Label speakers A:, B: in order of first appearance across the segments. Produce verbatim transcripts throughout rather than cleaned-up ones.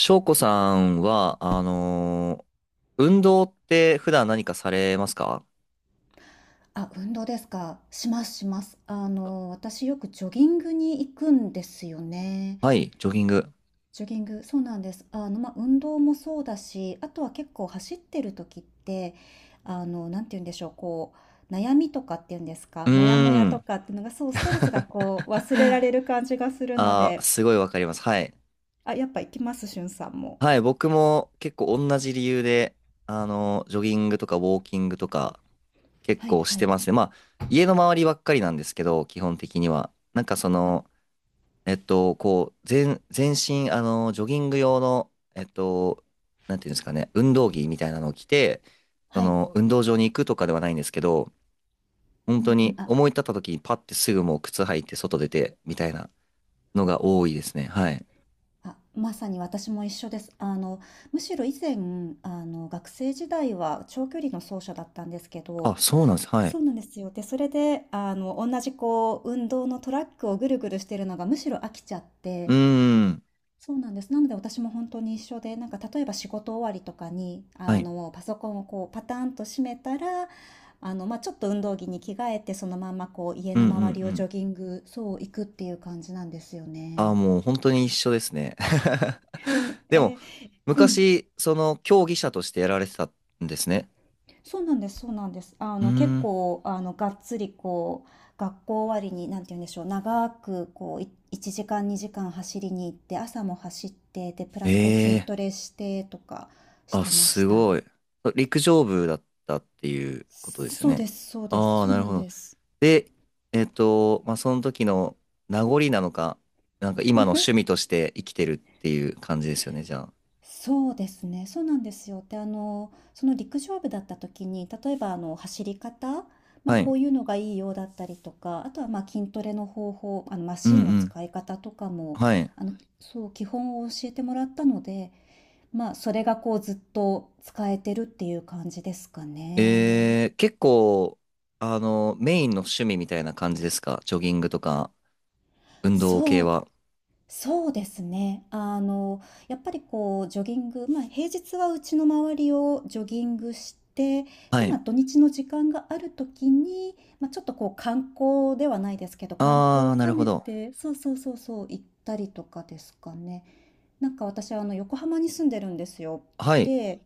A: 翔子さんは、あのー運動って普段何かされますか？
B: あ、運動ですか。しますします。あの、私よくジョギングに行くんですよね。
A: はい、ジョギング。
B: ジョギング、そうなんです。あの、まあ、運動もそうだし、あとは結構走ってる時って、あの、なんて言うんでしょう、こう、悩みとかっていうんですか、
A: う
B: モヤモヤ
A: ー
B: と
A: ん。
B: かっていうのが、そう、ストレスがこう、忘れられる感じがするの
A: あー、
B: で、
A: すごいわかります。はい。
B: あ、やっぱ行きます、しゅんさんも。
A: はい、僕も結構同じ理由で、あのージョギングとかウォーキングとか結
B: はい
A: 構し
B: は
A: て
B: い。
A: ますね。まあ、家の周りばっかりなんですけど、基本的には。なんかそ
B: あ、
A: の、えっと、こう、全、全身、あのージョギング用の、えっと、なんていうんですかね、運動着みたいなのを着て、そ
B: はい。
A: の、運動場に行くとかではないんですけど、本
B: う
A: 当
B: んう
A: に
B: ん。あ
A: 思い立った時にパッてすぐもう靴履いて外出てみたいなのが多いですね。はい。
B: あ、まさに私も一緒です。あの、むしろ以前、あの、学生時代は長距離の走者だったんですけど、
A: あ、そうなんです。は
B: そ
A: い。
B: うなんですよ。で、それで、あの、同じこう、運動のトラックをぐるぐるしてるのがむしろ飽きちゃっ
A: うー
B: て、
A: ん。
B: そうなんです。なので私も本当に一緒で、なんか例えば仕事終わりとかに、
A: は
B: あ
A: い。
B: の、パソコンをこう、パターンと閉めたら、あの、まあ、ちょっと運動着に着替えて、そのままこう、家
A: う
B: の
A: んうんう
B: 周りをジ
A: ん。
B: ョギング、そう、行くっていう感じなんですよ
A: あ、
B: ね。
A: もう本当に一緒ですね。で
B: え
A: も、
B: ーうん
A: 昔、その競技者としてやられてたんですね。
B: そうなんです、そうなんです。あ
A: うー
B: の、結
A: ん。
B: 構、あの、がっつり、こう、学校終わりに、なんて言うんでしょう、長く、こう、いいちじかん、にじかん走りに行って、朝も走って、で、プラ
A: え
B: ス、こう、筋
A: え
B: ト
A: ー。
B: レしてとかし
A: あ、
B: てまし
A: す
B: た。
A: ごい。陸上部だったっていうことですよ
B: そう
A: ね。
B: です、そうです、
A: ああ、
B: そう
A: なる
B: な
A: ほ
B: ん
A: ど。
B: です。
A: で、えっと、まあ、その時の名残なのか、なんか今の趣味として生きてるっていう感じですよね、じゃあ。
B: そうですね、そうなんですよ。で、あの、その陸上部だった時に、例えばあの走り方、まあ、
A: はい。
B: こういうのがいいようだったりとか、あとはまあ筋トレの方法、あのマ
A: う
B: シンの
A: んうん。
B: 使い方とかも、
A: はい。
B: あの、そう、基本を教えてもらったので、まあ、それがこうずっと使えてるっていう感じですかね。
A: えー、結構、あの、メインの趣味みたいな感じですか、ジョギングとか、運動
B: そ
A: 系
B: う
A: は。
B: そうですね。あの、やっぱりこうジョギング、まあ、平日はうちの周りをジョギングして、
A: は
B: で、ま
A: い。
B: あ、土日の時間があるときに、まあ、ちょっとこう観光ではないですけど、観光
A: あ
B: を
A: ー、なる
B: 兼
A: ほ
B: ね
A: ど。
B: て、そうそうそうそう、行ったりとかですかね。なんか私はあの横浜に住んでるんですよ。
A: はい。
B: で、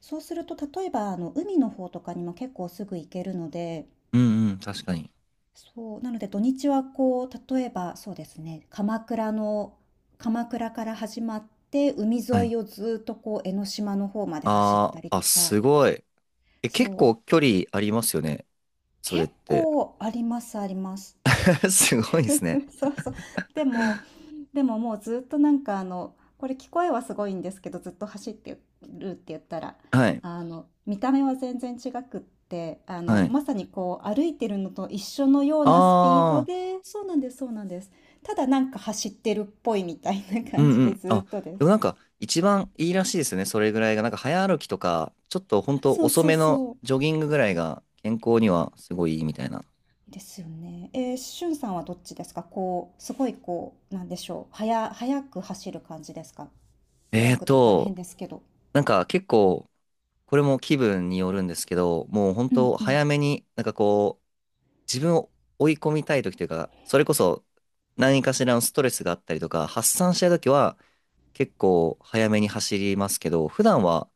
B: そうすると例えばあの海の方とかにも結構すぐ行けるので、
A: うんうん、確かに。
B: そう、なので土日はこう、例えばそうですね、鎌倉の、鎌倉から始まって、海
A: は
B: 沿
A: い。
B: いをずっとこう、江ノ島の方まで走っ
A: あ
B: たり
A: ー、
B: と
A: あ、
B: か、
A: すごい。え、結
B: そう、
A: 構距離ありますよね、それっ
B: 結
A: て。
B: 構あります、あります。
A: すごいですね。
B: そうそう。でも、でももうずっとなんかあのこれ聞こえはすごいんですけどずっと走ってるって言ったら
A: はい。
B: あの見た目は全然違くってあの
A: はい。
B: まさにこう歩いてるのと一緒のようなスピード
A: あー。
B: でそうなんですそうなんですただなんか走ってるっぽいみたいな
A: う
B: 感
A: ん
B: じ
A: う
B: で
A: ん。
B: ず
A: あ、
B: っとです。
A: でもなんか一番いいらしいですよね。それぐらいが。なんか早歩きとか、ちょっとほん
B: あ
A: と
B: そう
A: 遅
B: そう
A: めの
B: そう
A: ジョギングぐらいが健康にはすごいいいみたいな。
B: ですよね。えー、しゅんさんはどっちですかこうすごいこうなんでしょう速速く走る感じですか。速
A: えー
B: くって言ったら変
A: と、
B: ですけど。
A: なんか結構、これも気分によるんですけど、もうほん
B: うん
A: と
B: うん
A: 早めに、なんかこう、自分を追い込みたい時というか、それこそ何かしらのストレスがあったりとか、発散したい時は結構早めに走りますけど、普段は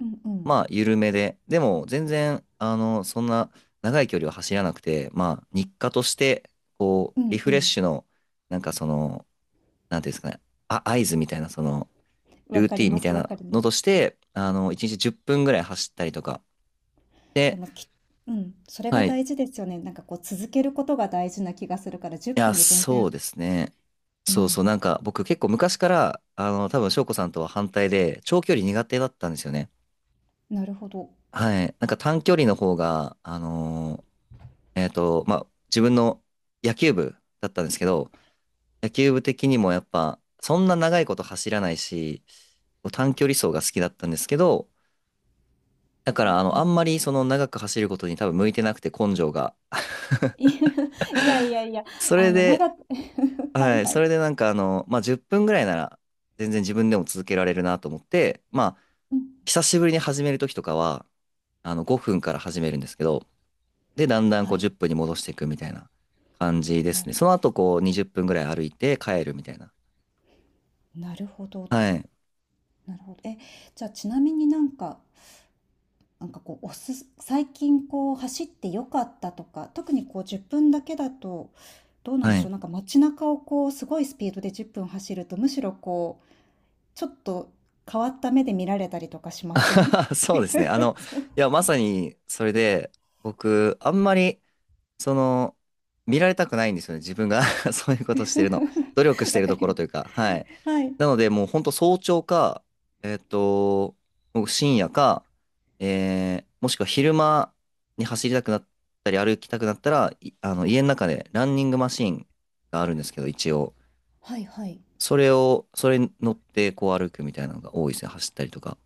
B: うんうん
A: まあ、緩めで。でも、全然、あの、そんな長い距離を走らなくて、まあ、日課として、こ
B: う
A: う、リ
B: ん
A: フ
B: う
A: レッ
B: ん。
A: シュの、なんかその、なんていうんですかね、あ、合図みたいな、その、
B: わ
A: ルー
B: か
A: テ
B: り
A: ィンみ
B: ま
A: た
B: す、
A: い
B: わ
A: な
B: かりま
A: の
B: す。
A: として、あの、いちにちじゅっぷんぐらい走ったりとか。
B: で
A: で、
B: もき、うん、それ
A: は
B: が
A: い。い
B: 大事ですよね。なんかこう続けることが大事な気がするから10
A: や、
B: 分で全
A: そ
B: 然、
A: うですね。
B: う
A: そうそ
B: ん、
A: う、なんか僕結構昔から、あの、多分翔子さんとは反対で、長距離苦手だったんですよね。
B: なるほど。
A: はい。なんか短距離の方が、あの、えっと、まあ、自分の野球部だったんですけど、野球部的にもやっぱ、そんな長いこと走らないし、短距離走が好きだったんですけど、だか
B: う
A: ら
B: ん
A: あ
B: う
A: の、あ
B: ん、
A: んまりその長く走ることに多分向いてなくて根性が。
B: いいやいやいや、
A: そ
B: あ
A: れ
B: の
A: で、
B: 長く はい
A: はい、
B: は
A: そ
B: い。
A: れでなんかあの、まあ、じゅっぷんぐらいなら全然自分でも続けられるなと思って、まあ、
B: うん、
A: 久しぶりに始める時とかは、あの、ごふんから始めるんですけど、で、だんだん
B: は
A: こう
B: い。
A: じゅっぷんに戻していくみたいな感じです
B: な
A: ね。
B: る、
A: その後こうにじゅっぷんぐらい歩いて帰るみたいな。
B: なるほど、
A: はい。
B: なるほど。え、じゃあちなみになんか、なんかこうおすす、最近こう走ってよかったとか、特にこうじゅっぷんだけだとどうなん
A: は
B: でしょ
A: い。
B: う。なんか街中をこうすごいスピードでじゅっぷん走るとむしろこうちょっと変わった目で見られたりとかしません？
A: そうですね。あの、
B: そう
A: いや、まさに、それで、僕、あんまり、その、見られたくないんですよね。自分が そういうことしてるの。努力し て
B: わ
A: る
B: か
A: とこ
B: り
A: ろ
B: ま
A: とい
B: す。
A: うか、はい。
B: はい。
A: なので、もう、ほんと早朝か、えっと、もう深夜か、えー、もしくは昼間に走りたくなったり、歩きたくなったら、い、あの、家の中で、ランニングマシンがあるんですけど、一応。
B: はいはい。
A: それを、それに乗って、こう歩くみたいなのが多いですね。走ったりとか。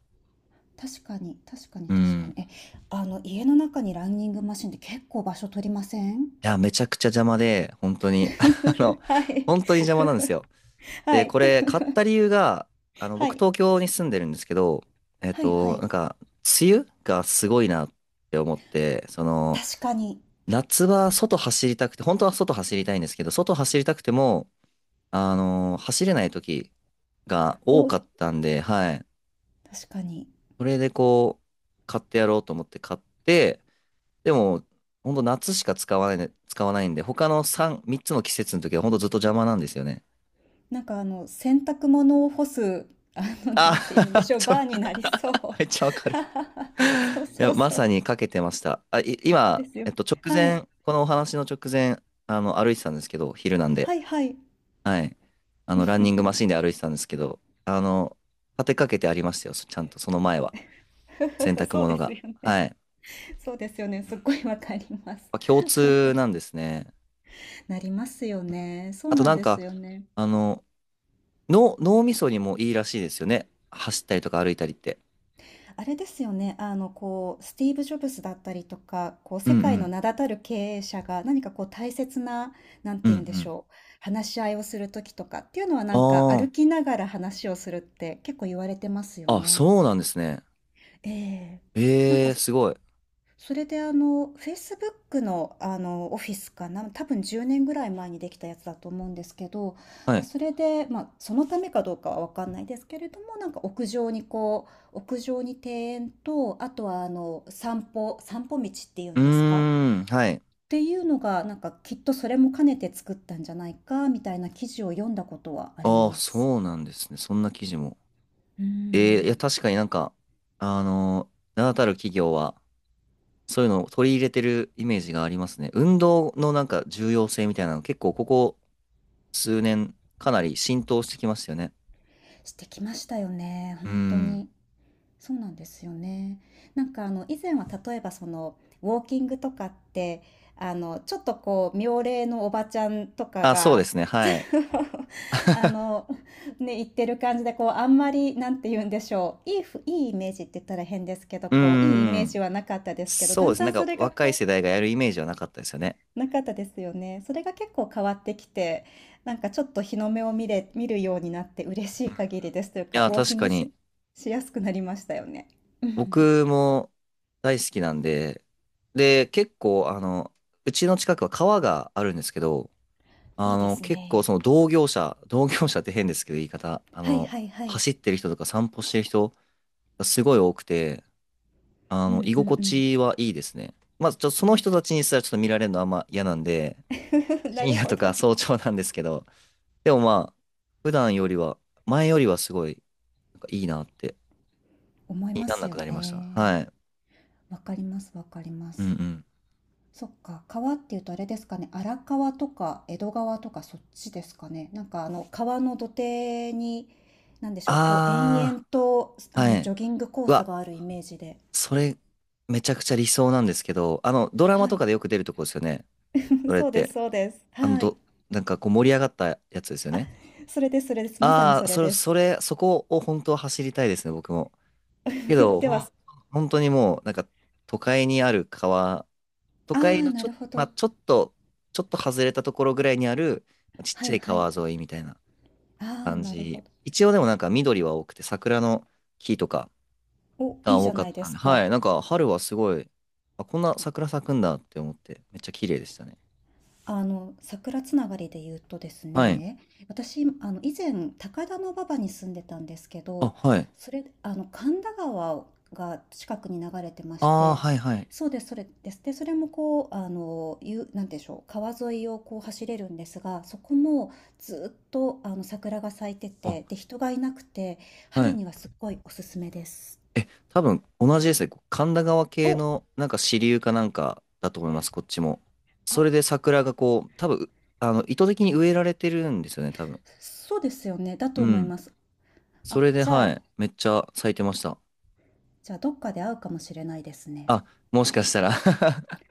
B: 確かに、確かに、
A: う
B: 確かに。
A: ん。
B: え、あの、家の中にランニングマシンって結構場所取りません？
A: いや、めちゃくちゃ邪魔で、本当に、あの、
B: はい。
A: 本当に邪魔なんですよ。
B: は
A: で、
B: い。
A: これ、買った理由が、あの、
B: は
A: 僕、
B: い。
A: 東京に住んでるんですけど、えっ
B: はいは
A: と、な
B: い。
A: んか、梅雨がすごいなって思って、その、
B: 確かに。
A: 夏は外走りたくて、本当は外走りたいんですけど、外走りたくても、あの、走れない時が多
B: お、
A: かったんで、はい。
B: 確かに。
A: それで、こう、買ってやろうと思って買って、でも、ほんと夏しか使わないね、使わないんで、他の3、みっつの季節の時はほんとずっと邪魔なんですよね。
B: なんかあの、洗濯物を干す、あの、なん
A: あ、
B: て言うんで しょう、
A: ちょ、
B: バーになりそう。
A: めっちゃわかる。い
B: そうそ
A: や、
B: う
A: ま
B: そう。
A: さにかけてました。あ、い、
B: で
A: 今、
B: す
A: え
B: よ。
A: っと、直
B: はい。
A: 前、このお話の直前、あの、歩いてたんですけど、昼なんで。
B: はいはい。
A: はい。あの、ランニングマシンで歩いてたんですけど、あの、立てかけてありましたよ。そ、ちゃんと、その前は。洗 濯
B: そう
A: 物
B: です
A: が。
B: よね。
A: はい。
B: そうですよね。すっごいわかります。
A: あ、共通なんですね。
B: なりますよね。そう
A: あと
B: な
A: な
B: ん
A: ん
B: です
A: か、
B: よね。
A: あの、脳、脳みそにもいいらしいですよね。走ったりとか歩いたりって。
B: あれですよね。あの、こう、スティーブ・ジョブズだったりとか、こう、
A: う
B: 世
A: んう
B: 界の
A: ん。
B: 名だたる経営者が何かこう、大切な、なん
A: うん
B: て
A: う
B: 言うんでし
A: ん。
B: ょう。話し合いをするときとかっていうのは、なんか
A: あ
B: 歩きながら話をするって結構言われてますよ
A: あ。あ、
B: ね。
A: そうなんですね。
B: ええ。なん
A: え
B: か、
A: え、すごい。
B: それであの、Facebook の、あの、オフィスかな、多分じゅうねんぐらい前にできたやつだと思うんですけど、
A: は
B: まあ、
A: い。
B: それで、まあ、そのためかどうかは分かんないですけれども、なんか屋上にこう、屋上に庭園と、あとはあの、散歩、散歩道っていう
A: う
B: んですかっ
A: ーん、はい。
B: ていうのが、なんかきっとそれも兼ねて作ったんじゃないか、みたいな記事を読んだことはあり
A: ああ、
B: ます。
A: そうなんですね。そんな記事も。
B: う
A: ええ、いや、
B: ん、
A: 確かになんか、あのー名だたる企業は、そういうのを取り入れてるイメージがありますね。運動のなんか重要性みたいなの、結構ここ数年、かなり浸透してきましたよね。
B: してきましたよね、
A: うー
B: 本当
A: ん。
B: に。そうなんですよね。なんかあの以前は例えばそのウォーキングとかってあのちょっとこう妙齢のおばちゃんとか
A: あ、そうで
B: が
A: すね。はい。
B: あのね、言ってる感じでこうあんまりなんて言うんでしょういいふ、いいイメージって言ったら変ですけど
A: うー
B: こういいイメージ
A: ん。
B: はなかったですけど
A: そ
B: だ
A: うで
B: ん
A: す
B: だ
A: ね。
B: ん
A: なん
B: そ
A: か
B: れが
A: 若い
B: こ
A: 世代がやるイメージはなかったですよね。
B: うなかったですよね。それが結構変わってきてなんかちょっと日の目を見れ、見るようになって嬉しい限りですという
A: い
B: か
A: や、
B: ウォー
A: 確
B: キン
A: か
B: グ
A: に。
B: し、しやすくなりましたよね。うん、
A: 僕も大好きなんで、で、結構、あの、うちの近くは川があるんですけど、
B: い
A: あ
B: いで
A: の、
B: す
A: 結構
B: ね。
A: その同業者、同業者って変ですけど言い方、あ
B: はい
A: の、
B: はいはい。
A: 走ってる人とか散歩してる人がすごい多くて、あ
B: う
A: の、
B: ん
A: 居
B: うん
A: 心
B: うん。
A: 地はいいですね。まず、ちょっとその人たちにすらちょっと見られるのはあんま嫌なんで、
B: な
A: 深
B: る
A: 夜
B: ほ
A: とか
B: ど。
A: 早朝なんですけど、でもまあ、普段よりは、前よりはすごい、なんかいいなって
B: 思い
A: 気に
B: ま
A: なん
B: す
A: な
B: よ
A: くなりました。
B: ね。
A: はい。
B: わかりますわかりま
A: うんう
B: す。
A: ん。
B: そっか、川っていうとあれですかね、荒川とか江戸川とかそっちですかね。なんかあの川の土手に、なんでしょう、こう延
A: あ
B: 々と
A: ー、
B: あ
A: は
B: のジ
A: い。
B: ョギングコー
A: う
B: ス
A: わ、
B: があるイメージで。
A: それ、めちゃくちゃ理想なんですけど、あの、ドラマ
B: は
A: と
B: い。
A: かでよく出るとこですよね。そ れっ
B: そうです
A: て。
B: そうです。
A: あの、
B: はい。
A: ど、なんかこう盛り上がったやつですよ
B: あ、
A: ね。
B: それですそれです。まさに
A: あ
B: そ
A: あ、
B: れ
A: それ、
B: で
A: そ
B: す。
A: れ、そこを本当は走りたいですね、僕も。けど、
B: で
A: ほ
B: は、
A: ん、
B: あ
A: 本当にもう、なんか、都会にある川、都
B: あ、
A: 会の
B: な
A: ち
B: る
A: ょ、
B: ほ
A: まあ、
B: ど。
A: ちょっと、ちょっと外れたところぐらいにある、ちっ
B: は
A: ちゃ
B: い
A: い
B: はい。
A: 川沿いみたいな。
B: ああ、
A: 感
B: なるほ
A: じ。
B: ど。
A: 一応でもなんか緑は多くて桜の木とか
B: お、
A: が
B: いいじ
A: 多
B: ゃ
A: か
B: な
A: っ
B: いで
A: たん
B: す
A: で、
B: か。
A: はい、なんか春はすごい、あ、こんな桜咲くんだって思ってめっちゃ綺麗でしたね。
B: あの、桜つながりで言うとです
A: はい。
B: ね、私、あの、以前、高田馬場に住んでたんですけ
A: あ、
B: ど、
A: はい。
B: それ、あの、神田川が近くに流れてまし
A: ああ、
B: て、
A: はいはい。
B: そうです、それです。で、それもこう、あの、ゆ、なんでしょう、川沿いをこう走れるんですが、そこもずっと、あの、桜が咲いて
A: あ、
B: て、で、人がいなくて、
A: は
B: 春
A: い。
B: にはすっごいおすすめです。
A: え、多分同じですね。神田川系
B: お、
A: のなんか支流かなんかだと思います、こっちも。そ
B: あ、
A: れで桜がこう、多分、あの、意図的に植えられてるんですよね、多分。
B: そうですよね。だと
A: う
B: 思い
A: ん。
B: ます。
A: そ
B: あ、
A: れで、
B: じゃ
A: は
B: あ、
A: い、めっちゃ咲いてました。
B: じゃあ、どっかで会うかもしれないですね。
A: あ、もしかしたら ち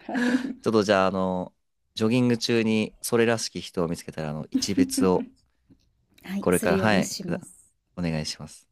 B: はい。
A: ょっとじゃあ、あの、ジョギング中にそれらしき人を見つけたら、あの、一別を
B: はい、
A: これ
B: す
A: か
B: る
A: ら、
B: よう
A: は
B: に
A: い、
B: し
A: く
B: ま
A: だ、
B: す。
A: お願いします。